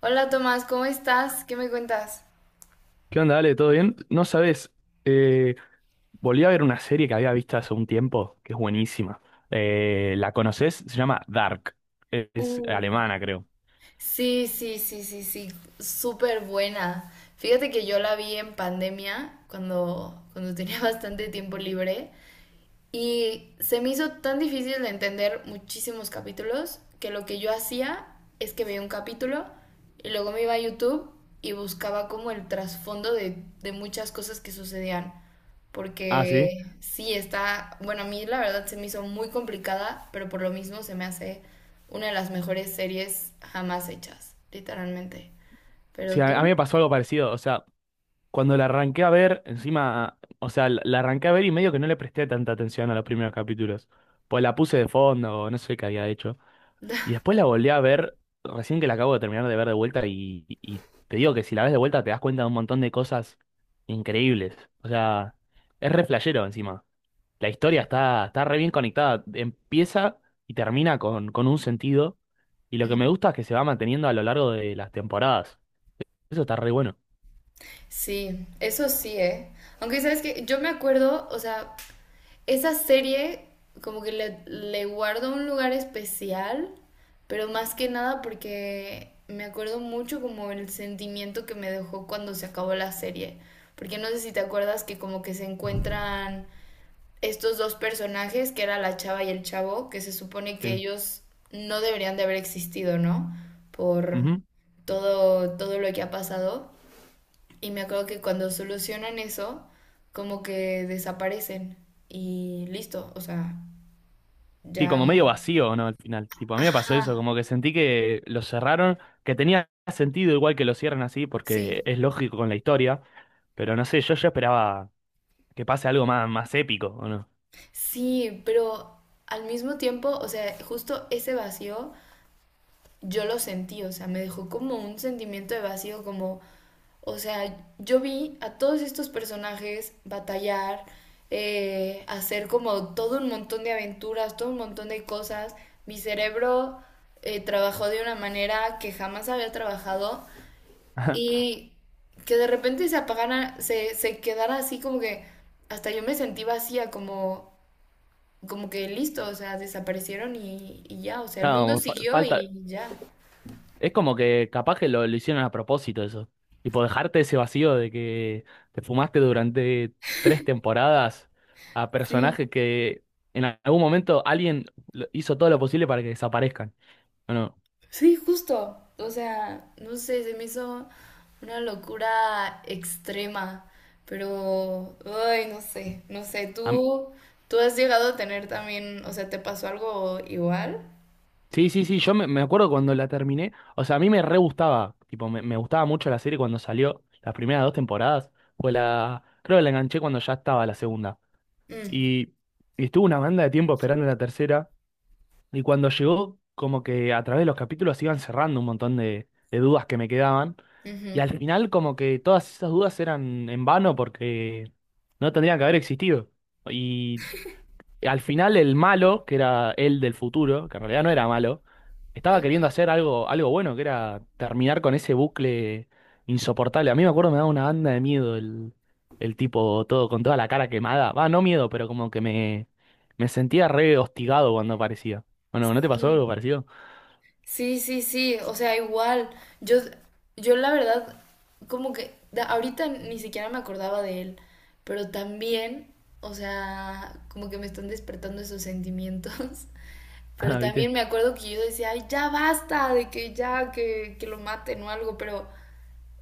Hola Tomás, ¿cómo estás? ¿Qué me cuentas? ¿Qué onda, Ale? ¿Todo bien? No sabes, eh, volví a ver una serie que había visto hace un tiempo, que es buenísima. ¿La conoces? Se llama Dark. Es Uy, alemana, creo. sí, sí, sí, sí, sí, súper buena. Fíjate que yo la vi en pandemia, cuando tenía bastante tiempo libre. Y se me hizo tan difícil de entender muchísimos capítulos que lo que yo hacía es que veía un capítulo y luego me iba a YouTube y buscaba como el trasfondo de muchas cosas que sucedían. Ah, sí. Porque sí, está, bueno, a mí la verdad se me hizo muy complicada, pero por lo mismo se me hace una de las mejores series jamás hechas, literalmente. Sí, Pero a mí me tú... pasó algo parecido. O sea, cuando la arranqué a ver, encima, o sea, la arranqué a ver y medio que no le presté tanta atención a los primeros capítulos. Pues la puse de fondo, no sé qué había hecho. Y después la volví a ver, recién que la acabo de terminar de ver de vuelta y te digo que si la ves de vuelta te das cuenta de un montón de cosas increíbles. O sea, es re flashero encima. La historia está re bien conectada. Empieza y termina con un sentido. Y lo que me gusta es que se va manteniendo a lo largo de las temporadas. Eso está re bueno. Sí, eso sí, ¿eh? Aunque sabes que yo me acuerdo, o sea, esa serie como que le guardo un lugar especial, pero más que nada porque me acuerdo mucho como el sentimiento que me dejó cuando se acabó la serie. Porque no sé si te acuerdas que como que se encuentran estos dos personajes, que era la chava y el chavo, que se supone que Sí. ellos no deberían de haber existido, ¿no? Por Ujú. todo lo que ha pasado. Y me acuerdo que cuando solucionan eso, como que desaparecen y listo, o sea, Sí, ya... como medio vacío, ¿no? Al final. Tipo, a mí me pasó Ajá, eso, como que sentí que lo cerraron, que tenía sentido igual que lo cierren así, porque sí, es lógico con la historia. Pero no sé, yo ya esperaba que pase algo más, más épico, ¿o no? sí, pero al mismo tiempo, o sea, justo ese vacío yo lo sentí, o sea, me dejó como un sentimiento de vacío, como o sea, yo vi a todos estos personajes batallar, hacer como todo un montón de aventuras, todo un montón de cosas. Mi cerebro trabajó de una manera que jamás había trabajado y que de repente se apagara, se quedara así como que hasta yo me sentí vacía, como, como que listo, o sea, desaparecieron y ya, o sea, el mundo Claro, siguió falta. y ya. Es como que capaz que lo hicieron a propósito eso. Tipo, dejarte ese vacío de que te fumaste durante tres temporadas a Sí. personajes que en algún momento alguien hizo todo lo posible para que desaparezcan. Bueno, Sí, justo. O sea, no sé, se me hizo una locura extrema, pero, ay, no sé, no sé, a m- tú has llegado a tener también, o sea, ¿te pasó algo igual? sí, sí, sí, me acuerdo cuando la terminé. O sea, a mí me re gustaba. Tipo, me gustaba mucho la serie cuando salió. Las primeras dos temporadas. Fue la. Creo que la enganché cuando ya estaba la segunda. Mm, Y, y estuvo una banda de tiempo esperando la tercera. Y cuando llegó, como que a través de los capítulos iban cerrando un montón de dudas que me quedaban. Y ujú. al final, como que todas esas dudas eran en vano porque no tendrían que haber existido. Y al final el malo, que era él del futuro, que en realidad no era malo, estaba Ah, queriendo hacer algo, algo bueno, que era terminar con ese bucle insoportable. A mí me acuerdo me daba una banda de miedo el tipo todo con toda la cara quemada. Va, no miedo, pero como que me sentía re hostigado cuando aparecía. Bueno, ¿no te pasó sí. algo parecido? Sí, sí, sí, o sea, igual, yo, yo la verdad, como que ahorita ni siquiera me acordaba de él, pero también, o sea, como que me están despertando esos sentimientos, pero Ah, ¿viste? también me acuerdo que yo decía, ay, ya basta, de que ya, que lo maten o algo, pero,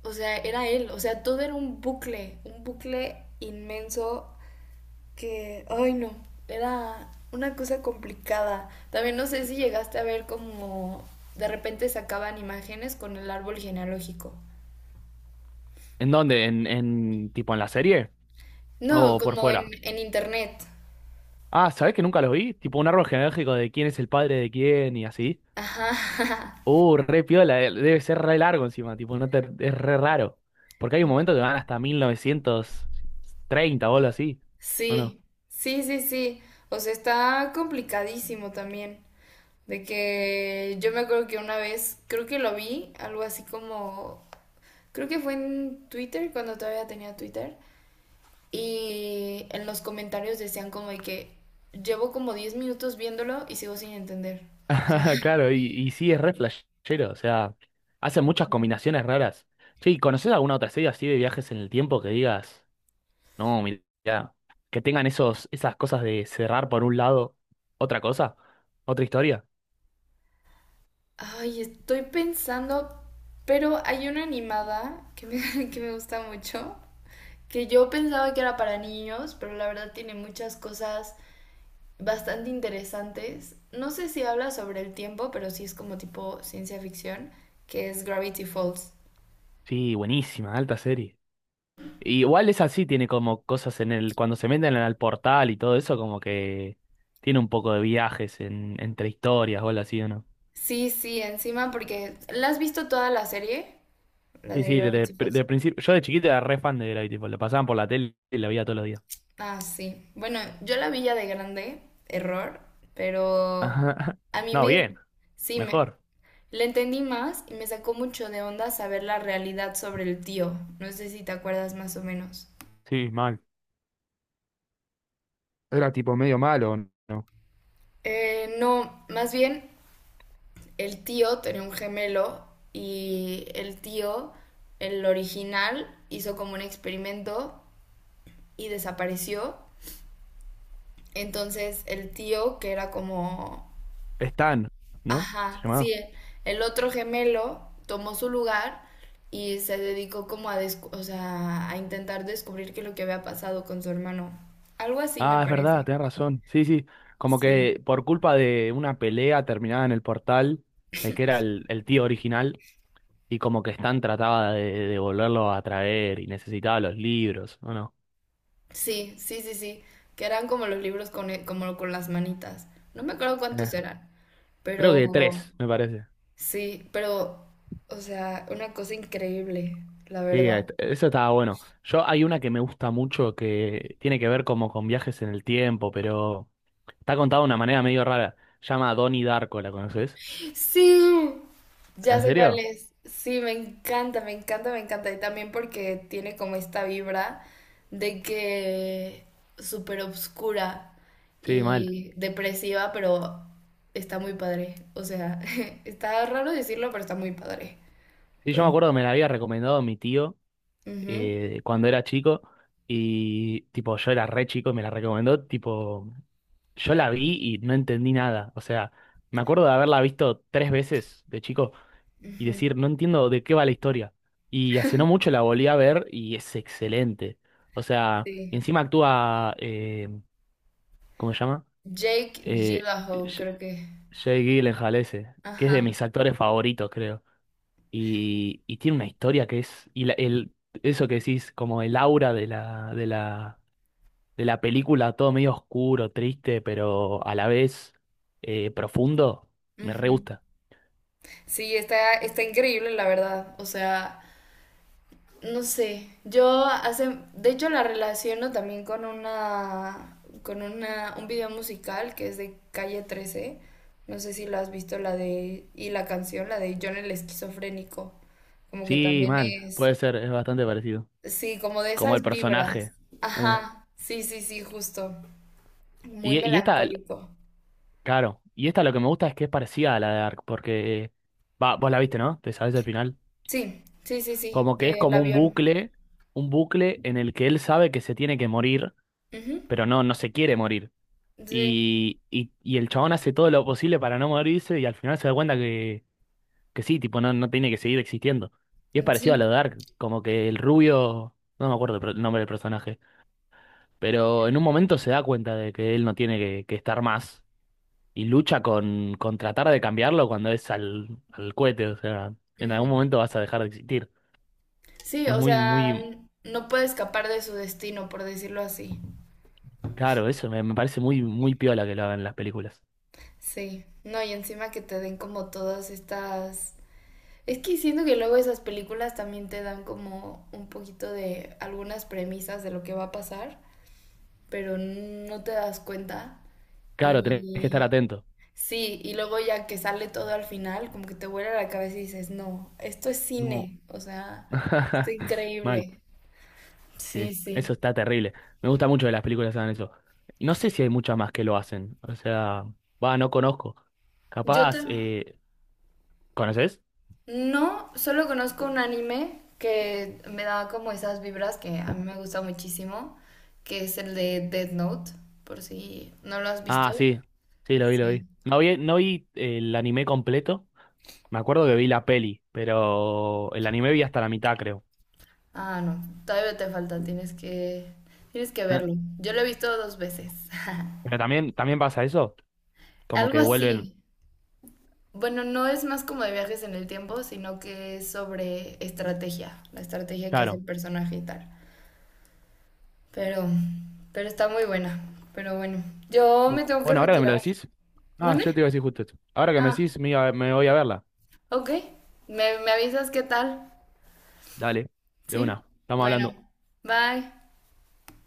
o sea, era él, o sea, todo era un bucle inmenso que, ay no, era una cosa complicada. También no sé si llegaste a ver como de repente sacaban imágenes con el árbol genealógico. ¿En dónde? ¿En tipo en la serie? No, ¿O por como enfuera? Internet. Ah, ¿sabés que nunca los vi? Tipo un árbol genealógico de quién es el padre de quién y así. Ajá, Re piola, debe ser re largo encima, tipo, no te, es re raro. Porque hay un momento que van hasta 1930 o algo así, ¿o no? sí, sí, sí, sí. O sea, está complicadísimo también. De que yo me acuerdo que una vez, creo que lo vi, algo así como, creo que fue en Twitter, cuando todavía tenía Twitter. Y en los comentarios decían como de que llevo como 10 minutos viéndolo y sigo sin entender. O sea, Claro, y sí, es re flashero, o sea, hacen muchas combinaciones raras. Che, ¿conoces alguna otra serie así de viajes en el tiempo que digas, no, mirá, que tengan esos, esas cosas de cerrar por un lado otra cosa, otra historia? ay, estoy pensando, pero hay una animada que que me gusta mucho, que yo pensaba que era para niños, pero la verdad tiene muchas cosas bastante interesantes. No sé si habla sobre el tiempo, pero sí es como tipo ciencia ficción, que es Gravity Falls. Sí, buenísima, alta serie. Igual es así, tiene como cosas en el, cuando se meten en el portal y todo eso, como que tiene un poco de viajes en, entre historias o algo así, ¿o no? Sí, sí, encima porque... ¿La has visto toda la serie? La Sí, de sí, de, Gravity Falls. de, principio, yo de chiquito era re fan de Gravity Falls, la pasaban por la tele y la veía todos los días. Ah, sí. Bueno, yo la vi ya de grande, error, pero Ajá. a mí No, bien, sí, mejor. le entendí más y me sacó mucho de onda saber la realidad sobre el tío. No sé si te acuerdas más o menos. Sí, mal. Era tipo medio malo, ¿no? No, más bien el tío tenía un gemelo y el tío, el original, hizo como un experimento y desapareció. Entonces el tío, que era como... Stan, ¿no? Se Ajá, sí, llamaba. el otro gemelo tomó su lugar y se dedicó como a, o sea, a intentar descubrir qué es lo que había pasado con su hermano. Algo así me Ah, es verdad, parece. tenés razón. Sí, sí. Como Sí. que por culpa de una pelea terminada en el portal, el que era el tío original. Y como que Stan trataba de volverlo a traer y necesitaba los libros, ¿o no? Sí, sí, sí, sí. Que eran como los libros con, como con las manitas. No me acuerdo cuántos Eh, eran, creo que pero tres, me parece. sí, pero, o sea, una cosa increíble, la Sí, ahí verdad. eso estaba bueno. Yo hay una que me gusta mucho que tiene que ver como con viajes en el tiempo, pero está contada de una manera medio rara. Llama Donnie Darko, ¿la conoces? Sí, ya ¿En sé cuál serio? es. Sí, me encanta, me encanta, me encanta. Y también porque tiene como esta vibra de que súper obscura Sí, mal. y depresiva, pero está muy padre. O sea, está raro decirlo, pero está muy padre. Sí, yo Pues, me acuerdo que me la había recomendado mi tío, ujú, cuando era chico y tipo yo era re chico y me la recomendó, tipo yo la vi y no entendí nada, o sea, me acuerdo de haberla visto tres veces de chico y ujú, decir, no entiendo de qué va la historia. Y hace no mucho la volví a ver y es excelente, o sea, y sí. encima actúa, ¿cómo se llama? Jake Eh, Gyllenhaal, Sh- creo que. Jake Gyllenhaal ese, que es de Ajá. mis actores favoritos, creo y tiene una historia que es, eso que decís, como el aura de la película, todo medio oscuro, triste, pero a la vez profundo, me re Ujú. gusta. Sí, está increíble, la verdad. O sea. No sé, yo hace, de hecho la relaciono también un video musical que es de Calle 13. No sé si lo has visto, la de, y la canción, la de John el esquizofrénico. Como que Sí, también mal, es, puede ser, es bastante parecido. sí, como de Como esas el vibras. personaje. eh. Ajá, sí, sí, sí, justo. Muy Y esta, melancólico. claro, y esta lo que me gusta es que es parecida a la de Dark, porque, va, vos la viste, ¿no? Te sabes el final. Sí, sí, sí, sí, Como que es del como avión. Un bucle en el que él sabe que se tiene que morir, Ujú, pero no, no se quiere morir. sí, Y el chabón hace todo lo posible para no morirse y al final se da cuenta que sí, tipo, no, no tiene que seguir existiendo. Y es parecido a sí. lo de Dark, como que el rubio, no me acuerdo el el nombre del personaje, pero en un momento se da cuenta de que él no tiene que estar más y lucha con tratar de cambiarlo cuando es al cohete, o sea, en algún momento vas a dejar de existir. Sí, Es o muy, sea, muy, no puede escapar de su destino, por decirlo así. claro, eso me, me parece muy, muy piola que lo hagan en las películas. Sí, no, y encima que te den como todas estas... Es que siento que luego esas películas también te dan como un poquito de algunas premisas de lo que va a pasar, pero no te das cuenta. Claro, tenés que estar Y atento. sí, y luego ya que sale todo al final, como que te vuela la cabeza y dices, no, esto es No. cine, o sea, esto es Mal. increíble. Sí, Sí, eso sí. está terrible. Me gusta mucho que las películas hagan eso. Y no sé si hay muchas más que lo hacen. O sea, va, no conozco. Yo Capaz, también. ¿Conoces? No, solo conozco un anime que me da como esas vibras que a mí me gusta muchísimo, que es el de Death Note, por si no lo has visto. Ah, sí, sí, lo vi, lo vi. Sí. No vi, no vi el anime completo. Me acuerdo que vi la peli, pero el anime vi hasta la mitad, creo. Ah, no, todavía te falta, tienes que Eh, verlo. Yo lo he visto dos veces. Pero también, también pasa eso, como Algo que vuelven, así. Bueno, no es más como de viajes en el tiempo, sino que es sobre estrategia, la estrategia que hace claro. el personaje y tal. Pero, pero está muy buena. Pero bueno, yo me tengo que Bueno, ahora que me lo retirar. decís, no, yo te ¿Mande? iba a decir justo esto. Ahora que me Ah, decís, me voy a verla. ok. Me avisas qué tal. Dale, de Sí. una, estamos Bueno, hablando. bye.